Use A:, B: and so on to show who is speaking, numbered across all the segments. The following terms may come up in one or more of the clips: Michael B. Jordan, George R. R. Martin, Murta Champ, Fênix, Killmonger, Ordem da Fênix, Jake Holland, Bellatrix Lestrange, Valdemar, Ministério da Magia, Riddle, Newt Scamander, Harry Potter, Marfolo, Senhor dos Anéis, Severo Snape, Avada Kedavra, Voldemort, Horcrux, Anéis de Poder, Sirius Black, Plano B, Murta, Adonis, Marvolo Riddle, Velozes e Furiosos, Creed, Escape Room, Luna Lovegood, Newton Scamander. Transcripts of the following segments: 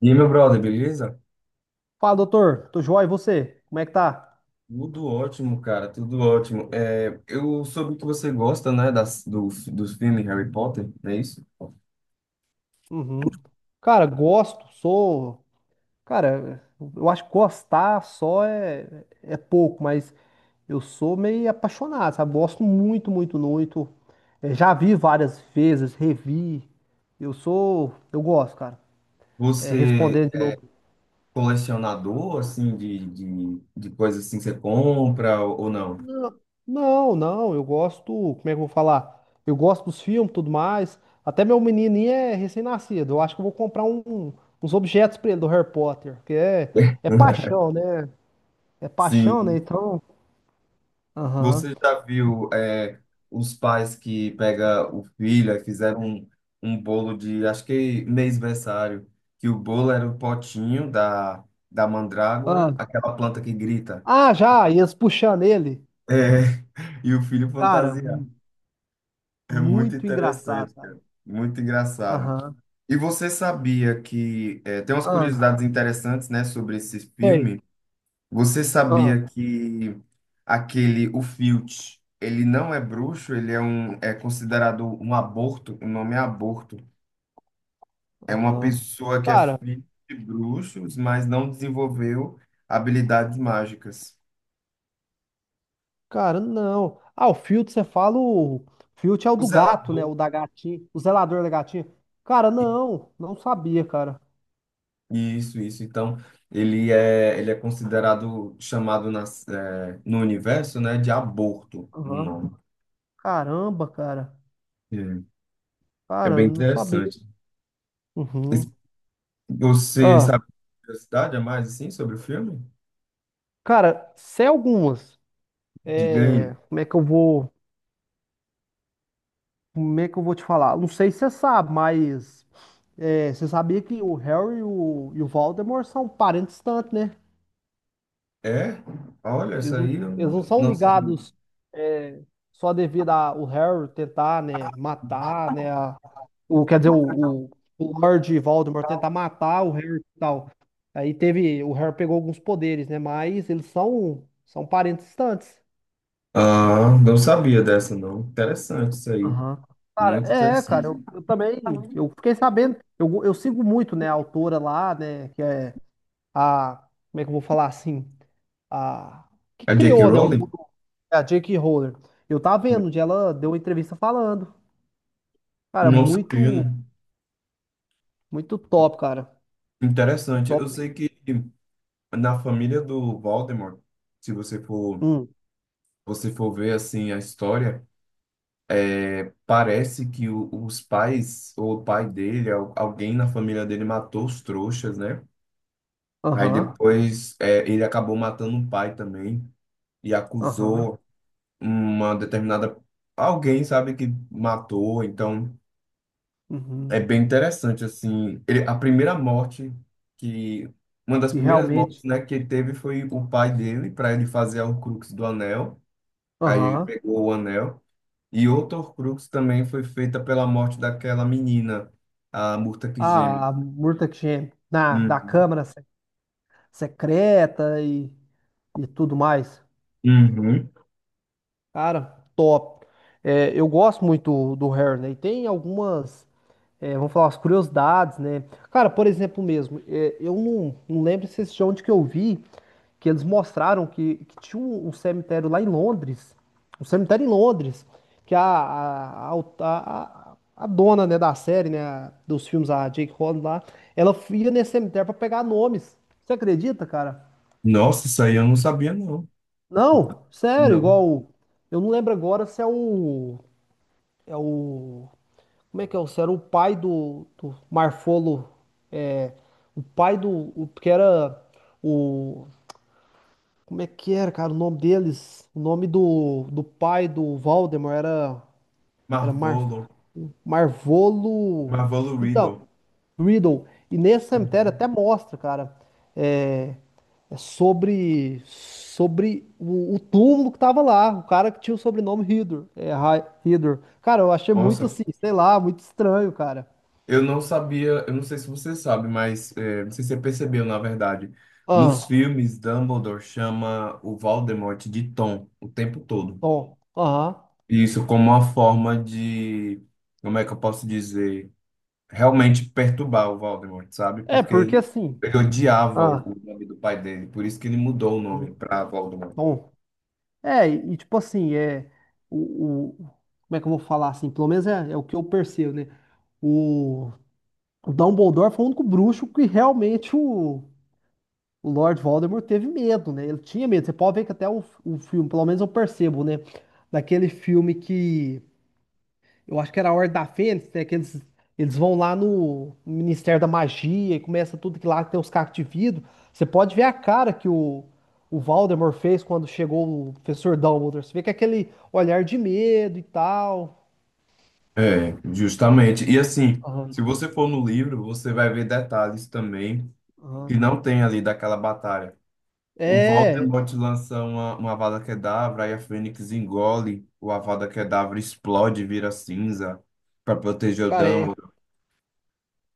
A: E aí, meu brother, beleza?
B: Fala, doutor. Tô joia, e você? Como é que tá?
A: Tudo ótimo, cara, tudo ótimo. Eu soube que você gosta, né, dos filmes Harry Potter, não é isso?
B: Uhum. Cara, gosto, sou. Cara, eu acho que gostar só é pouco, mas eu sou meio apaixonado, sabe? Gosto muito, muito, muito. Já vi várias vezes, revi. Eu sou. Eu gosto, cara. É,
A: Você
B: respondendo de
A: é
B: novo.
A: colecionador, assim, de coisas assim, você compra ou não?
B: Não, não, eu gosto, como é que eu vou falar? Eu gosto dos filmes, tudo mais. Até meu menininho é recém-nascido. Eu acho que eu vou comprar uns objetos pra ele do Harry Potter, porque é paixão, né? É paixão, né?
A: Sim.
B: Então, aham.
A: Você já viu, os pais que pega o filho e fizeram um bolo de, acho que mêsversário, que o bolo era o potinho da
B: Ah,
A: mandrágora, aquela planta que grita.
B: ah, já, e eles puxando ele.
A: É, e o filho
B: Cara,
A: fantasiado. É muito
B: muito engraçado,
A: interessante,
B: cara.
A: cara. Muito engraçado.
B: Aham.
A: E você sabia que. Tem umas
B: Ah,
A: curiosidades interessantes, né, sobre esse
B: ei.
A: filme. Você
B: Ah,
A: sabia que aquele, o Filch, ele não é bruxo, é considerado um aborto, o nome é aborto. É uma
B: aham.
A: pessoa que é
B: Cara,
A: filho de bruxos, mas não desenvolveu habilidades mágicas.
B: Cara, não. Ah, o Filt, você fala o... Filt é o
A: O
B: do gato, né?
A: zelador.
B: O da gatinha. O zelador da gatinha. Cara, não. Não sabia, cara.
A: Isso, isso. Então, ele é considerado, chamado no universo, né, de aborto, o
B: Aham.
A: nome.
B: Caramba, cara.
A: É, é
B: Cara,
A: bem
B: não sabia.
A: interessante.
B: Uhum.
A: Es- Você
B: Ah,
A: sabe curiosidade a mais, assim, sobre o filme?
B: cara, se é algumas.
A: Diga
B: É...
A: aí.
B: Como é que eu vou... Como é que eu vou te falar? Não sei se você sabe, mas... você sabia que o Harry e o Voldemort são parentes distantes, né?
A: É? Olha,
B: Eles
A: essa
B: não,
A: aí eu
B: eles não são
A: não sabia.
B: ligados, é, só devido ao Harry tentar, né, matar, né, o, quer dizer, o Lord Voldemort tentar matar o Harry e tal. Aí teve, o Harry pegou alguns poderes, né, mas eles são, são parentes distantes.
A: Ah, não sabia dessa, não. Interessante isso aí.
B: Aham. Cara,
A: Muito
B: cara,
A: interessante.
B: eu também, eu fiquei sabendo, eu sigo muito, né, a autora lá, né, que é a, como é que eu vou falar assim? A que
A: É J.K.
B: criou, né, o mundo,
A: Rowling?
B: a J.K. Rowling. Eu tava vendo onde ela deu uma entrevista falando. Cara,
A: Não sabia,
B: muito,
A: né?
B: muito top, cara.
A: Interessante.
B: Top
A: Eu
B: mesmo.
A: sei que na família do Voldemort, se você for
B: Hum,
A: você for ver assim a história, parece que os pais ou o pai dele, alguém na família dele matou os trouxas, né? Aí
B: aham,
A: depois ele acabou matando o pai também e
B: aham,
A: acusou uma determinada alguém, sabe, que matou. Então
B: uhum.
A: é bem interessante assim. Ele, a primeira morte que Uma das
B: E
A: primeiras mortes,
B: realmente,
A: né, que ele teve foi o pai dele para ele fazer o Crux do Anel. Aí ele
B: aham.
A: pegou o anel. E outro Horcrux também foi feita pela morte daquela menina, a Murta que geme.
B: A Murta Champ na da
A: Uhum.
B: Câmara Secreta e tudo mais.
A: Uhum.
B: Cara, top. É, eu gosto muito do Harry, né? E tem algumas. É, vamos falar as curiosidades, né? Cara, por exemplo mesmo, eu não lembro se esse de onde que eu vi, que eles mostraram que tinha um cemitério lá em Londres, um cemitério em Londres, que a- a dona, né, da série, né, dos filmes, a Jake Holland lá, ela ia nesse cemitério pra pegar nomes. Você acredita, cara?
A: Nossa, isso aí eu não sabia, não.
B: Não, sério,
A: Não.
B: igual, eu não lembro agora se é o Como é que é? O era o pai do Marfolo. É, o pai do. O, que era o. Como é que era, cara? O nome deles. O nome do pai do Valdemar era. Era
A: Marvolo.
B: Marvolo.
A: Marvolo
B: Então,
A: Riddle.
B: Riddle. E nesse cemitério
A: Uhum.
B: até mostra, cara. É, é sobre. Sobre o túmulo que tava lá. O cara que tinha o sobrenome Riddle. Riddle. Cara, eu achei muito
A: Nossa,
B: assim, sei lá, muito estranho, cara.
A: eu não sabia, eu não sei se você sabe, mas é, não sei se você percebeu, na verdade. Nos
B: Ah,
A: filmes, Dumbledore chama o Voldemort de Tom o tempo todo.
B: bom, aham.
A: E isso como uma forma de, como é que eu posso dizer? Realmente perturbar o Voldemort, sabe?
B: É, porque assim,
A: Ele odiava o
B: ah,
A: nome do pai dele, por isso que ele mudou o nome
B: hum,
A: para Voldemort.
B: bom, e tipo assim, o, o- como é que eu vou falar assim, pelo menos é o que eu percebo, né, o, o Dumbledore foi o único bruxo que realmente o Lord Voldemort teve medo, né, ele tinha medo. Você pode ver que até o filme, pelo menos eu percebo, né, daquele filme que eu acho que era a Ordem da Fênix, né? Que eles vão lá no Ministério da Magia e começa tudo que lá tem os cacos de vidro. Você pode ver a cara que o Voldemort fez quando chegou o professor Dumbledore. Você vê que é aquele olhar de medo e tal.
A: É, justamente. E assim, se
B: Aham,
A: você for no livro, você vai ver detalhes também que
B: aham.
A: não tem ali daquela batalha. O
B: É,
A: Voldemort lança uma Avada Kedavra, aí a Fênix engole, o Avada Kedavra explode, vira cinza para proteger o
B: cara, é,
A: Dumbledore.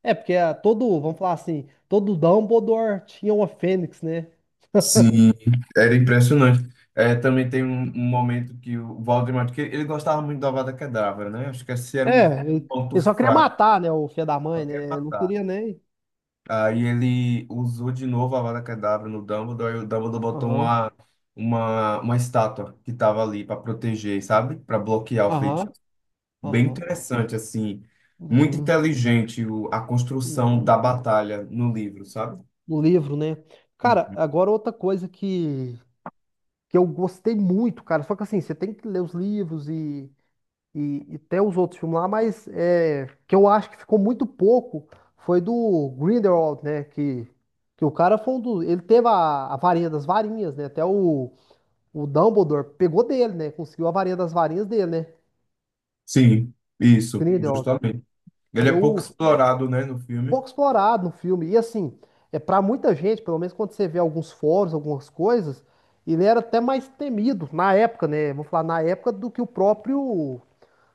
B: é porque é todo, vamos falar assim, todo Dumbledore tinha uma Fênix, né?
A: Sim, era impressionante. É, também tem um momento que o Valdemar, que ele gostava muito do Avada Kedavra, né? Acho que esse era um
B: É, ele,
A: ponto
B: ele só queria
A: fraco,
B: matar, né, o filho da
A: só
B: mãe,
A: quer
B: né? Não
A: matar.
B: queria nem.
A: Aí ele usou de novo a Avada Kedavra no Dumbledore, e o Dumbledore botou
B: Aham,
A: uma estátua que estava ali para proteger, sabe? Para bloquear o feitiço.
B: aham,
A: Bem
B: aham.
A: interessante, assim. Muito
B: Uhum,
A: inteligente a construção
B: uhum.
A: da batalha no livro, sabe?
B: No livro, né? Cara, agora outra coisa que eu gostei muito, cara. Só que assim, você tem que ler os livros e, e ter os outros filmes lá, mas que eu acho que ficou muito pouco foi do Grindelwald, né? Que o cara foi um dos. Ele teve a varinha das varinhas, né? Até o Dumbledore pegou dele, né? Conseguiu a varinha das varinhas dele, né?
A: Sim, isso,
B: Grindelwald.
A: justamente. Ele é pouco
B: Eu,
A: explorado, né, no filme.
B: pouco explorado no filme. E assim, é para muita gente, pelo menos quando você vê alguns fóruns, algumas coisas, ele era até mais temido na época, né? Vou falar na época do que o próprio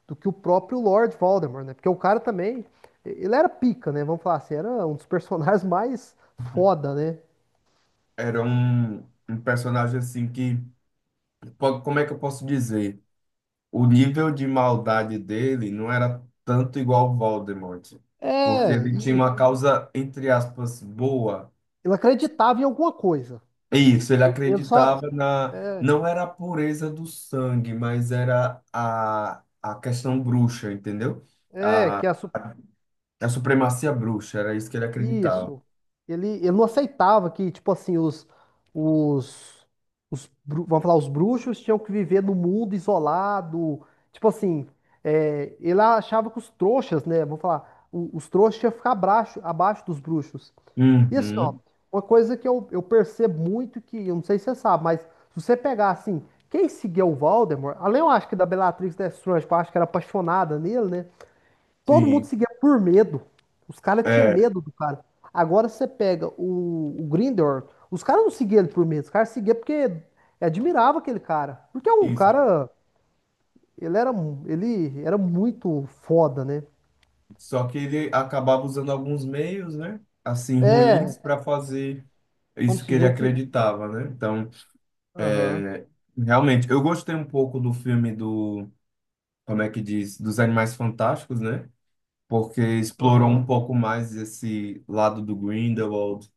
B: do que o próprio Lord Voldemort, né? Porque o cara também, ele era pica, né? Vamos falar assim, era um dos personagens mais foda, né?
A: Era um personagem assim que, como é que eu posso dizer? O nível de maldade dele não era tanto igual ao Voldemort, porque
B: É,
A: ele tinha
B: e
A: uma causa, entre aspas, boa.
B: ele acreditava em alguma coisa.
A: É isso, ele
B: Ele só
A: acreditava na.
B: é,
A: Não era a pureza do sangue, mas era a questão bruxa, entendeu?
B: é
A: A,
B: que a, su-
A: a supremacia bruxa, era isso que ele acreditava.
B: Isso. Ele não aceitava que, tipo assim, os, vamos falar, os bruxos tinham que viver no mundo isolado. Tipo assim, ele achava que os trouxas, né? Vamos falar, o- os trouxas tinham que ficar abaixo, abaixo dos bruxos. E assim, ó,
A: Uhum,
B: uma coisa que eu percebo muito, que eu não sei se você sabe, mas se você pegar, assim, quem seguia o Voldemort, além eu acho que da Bellatrix Lestrange, que eu acho que era apaixonada nele, né? Todo mundo
A: sim,
B: seguia por medo. Os caras tinham
A: é,
B: medo do cara. Agora você pega o Grindr, os caras não seguiam ele por medo, os caras seguiam porque admirava aquele cara. Porque é um
A: isso.
B: cara, ele era muito foda, né?
A: Só que ele acabava usando alguns meios, né? Assim,
B: É,
A: ruins para fazer isso
B: vamos
A: que ele
B: dizer que.
A: acreditava, né? Então,
B: Aham,
A: realmente, eu gostei um pouco do filme do, como é que diz, dos Animais Fantásticos, né? Porque explorou
B: aham,
A: um pouco mais esse lado do Grindelwald,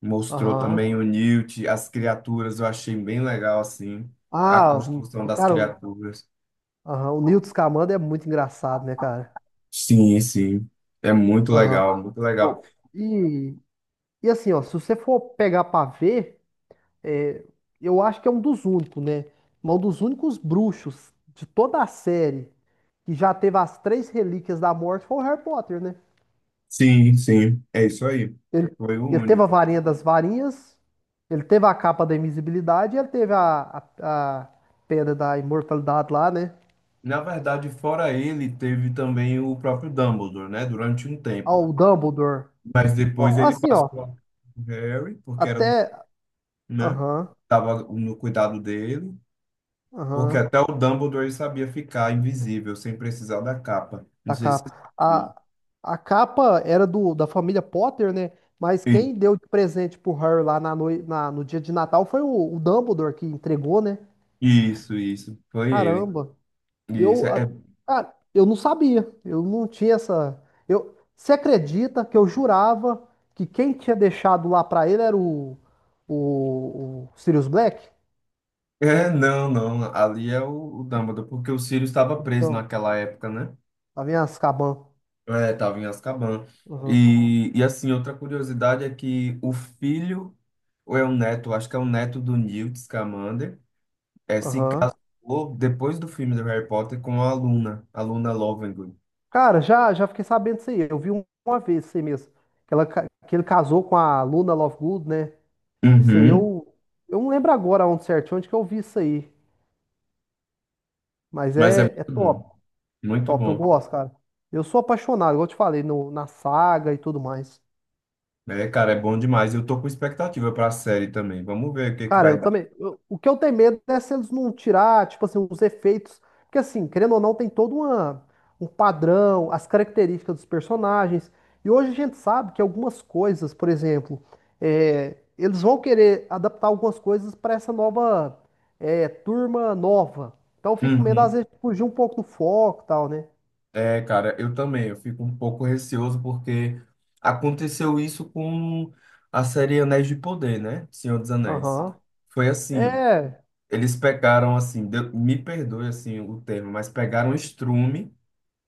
A: mostrou
B: aham.
A: também o Newt, as criaturas, eu achei bem legal, assim, a
B: Ah,
A: construção
B: o
A: das
B: cara,
A: criaturas.
B: aham, o Newton Scamander é muito engraçado, né, cara?
A: Sim, sim. É muito
B: Aham.
A: legal, muito legal.
B: Bom, e, assim, ó, se você for pegar pra ver. É, eu acho que é um dos únicos, né? Um dos únicos bruxos de toda a série que já teve as três relíquias da morte foi o Harry Potter, né?
A: Sim, sim. É isso aí.
B: Ele,
A: Foi o
B: ele teve a
A: único.
B: varinha das varinhas, ele teve a capa da invisibilidade, e ele teve a pedra da imortalidade lá, né?
A: Na verdade, fora ele, teve também o próprio Dumbledore, né? Durante um
B: Ó,
A: tempo.
B: o Dumbledore.
A: Mas depois
B: Ó,
A: ele
B: assim, ó,
A: passou a Harry, porque era,
B: até.
A: né?
B: Aham,
A: Tava no cuidado dele. Porque
B: aham.
A: até o Dumbledore ele sabia ficar invisível, sem precisar da capa. Não
B: Da
A: sei se você
B: capa.
A: sabe
B: A capa era do, da família Potter, né? Mas
A: isso.
B: quem deu de presente pro Harry lá no dia de Natal foi o Dumbledore que entregou, né?
A: Isso, isso. Foi ele.
B: Caramba.
A: Isso.
B: Eu, a-
A: É,
B: cara, eu não sabia. Eu não tinha essa. Você acredita que eu jurava que quem tinha deixado lá pra ele era o Sirius Black?
A: é, não. Ali é o Dumbledore, porque o Sirius estava preso
B: Não,
A: naquela época, né?
B: lá vem as Caban.
A: É, tava em Azkaban.
B: Aham.
A: E assim, outra curiosidade é que o filho, ou é o neto, acho que é o neto do Newt Scamander, é, se
B: Aham.
A: casou depois do filme do Harry Potter com a Luna Lovegood.
B: Cara, já fiquei sabendo disso aí. Eu vi uma vez isso aí mesmo. Que ele casou com a Luna Lovegood, né? Isso aí
A: Uhum.
B: eu não lembro agora onde certinho, onde que eu vi isso aí. Mas
A: Mas é
B: é
A: muito
B: top,
A: bom, muito
B: top. Eu
A: bom.
B: gosto, cara. Eu sou apaixonado, igual eu te falei, no, na saga e tudo mais.
A: É, cara, é bom demais. Eu tô com expectativa pra série também. Vamos ver o que que
B: Cara, eu
A: vai dar.
B: também. O que eu tenho medo é se eles não tirar, tipo assim, os efeitos. Porque assim, querendo ou não, tem todo uma, um padrão, as características dos personagens. E hoje a gente sabe que algumas coisas, por exemplo, eles vão querer adaptar algumas coisas para essa nova, turma nova. Então eu fico com medo, às
A: Uhum.
B: vezes, de fugir um pouco do foco e tal, né?
A: É, cara, eu também. Eu fico um pouco receoso porque aconteceu isso com a série Anéis de Poder, né? Senhor dos Anéis.
B: Aham.
A: Foi assim,
B: É.
A: deu- me perdoe assim o termo, mas pegaram o estrume,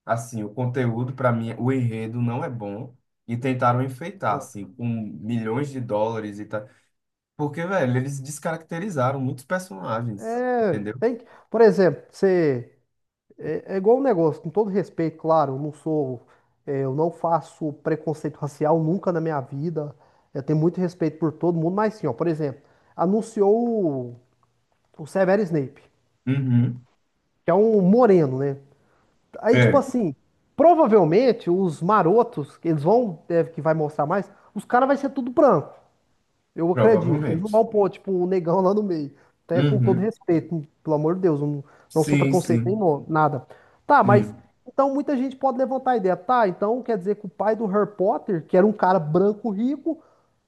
A: assim, o conteúdo para mim, o enredo não é bom e tentaram enfeitar
B: ah,
A: assim com milhões de dólares e tal. Porque, velho, eles descaracterizaram muitos personagens,
B: É.
A: entendeu?
B: Tem que, por exemplo, você. É igual um negócio, com todo respeito, claro, eu não sou, eu não faço preconceito racial nunca na minha vida. Eu tenho muito respeito por todo mundo, mas sim, ó, por exemplo, anunciou o Severo Snape,
A: Uhum.
B: que é um moreno, né? Aí, tipo
A: É,
B: assim, provavelmente os marotos, que eles vão, deve que vai mostrar mais, os caras vai ser tudo branco. Eu acredito que eles não
A: provavelmente.
B: vão pôr, tipo, um negão lá no meio. Até com todo
A: Uhum.
B: respeito, pelo amor de Deus, eu não sou
A: Sim,
B: preconceito nem
A: sim.
B: nada. Tá, mas
A: Sim.
B: então muita gente pode levantar a ideia. Tá, então quer dizer que o pai do Harry Potter, que era um cara branco rico,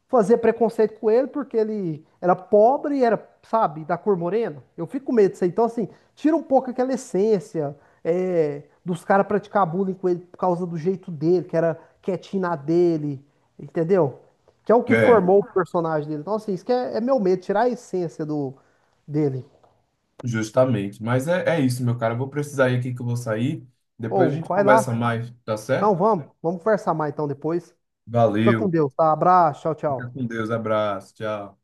B: fazia preconceito com ele porque ele era pobre e era, sabe, da cor morena. Eu fico com medo disso aí. Então, assim, tira um pouco aquela essência, dos caras praticar bullying com ele por causa do jeito dele, que era quietinho na dele, entendeu? Que é o que
A: É,
B: formou o personagem dele. Então, assim, isso que é meu medo, tirar a essência do dele.
A: justamente. Mas é, é isso, meu cara. Eu vou precisar ir aqui que eu vou sair. Depois a
B: Ou,
A: gente
B: vai
A: conversa
B: lá.
A: mais, tá
B: Não,
A: certo?
B: vamos. Vamos conversar mais então depois. Fica com
A: Valeu.
B: Deus, tá? Abraço, tchau,
A: Fica
B: tchau.
A: com Deus. Abraço. Tchau.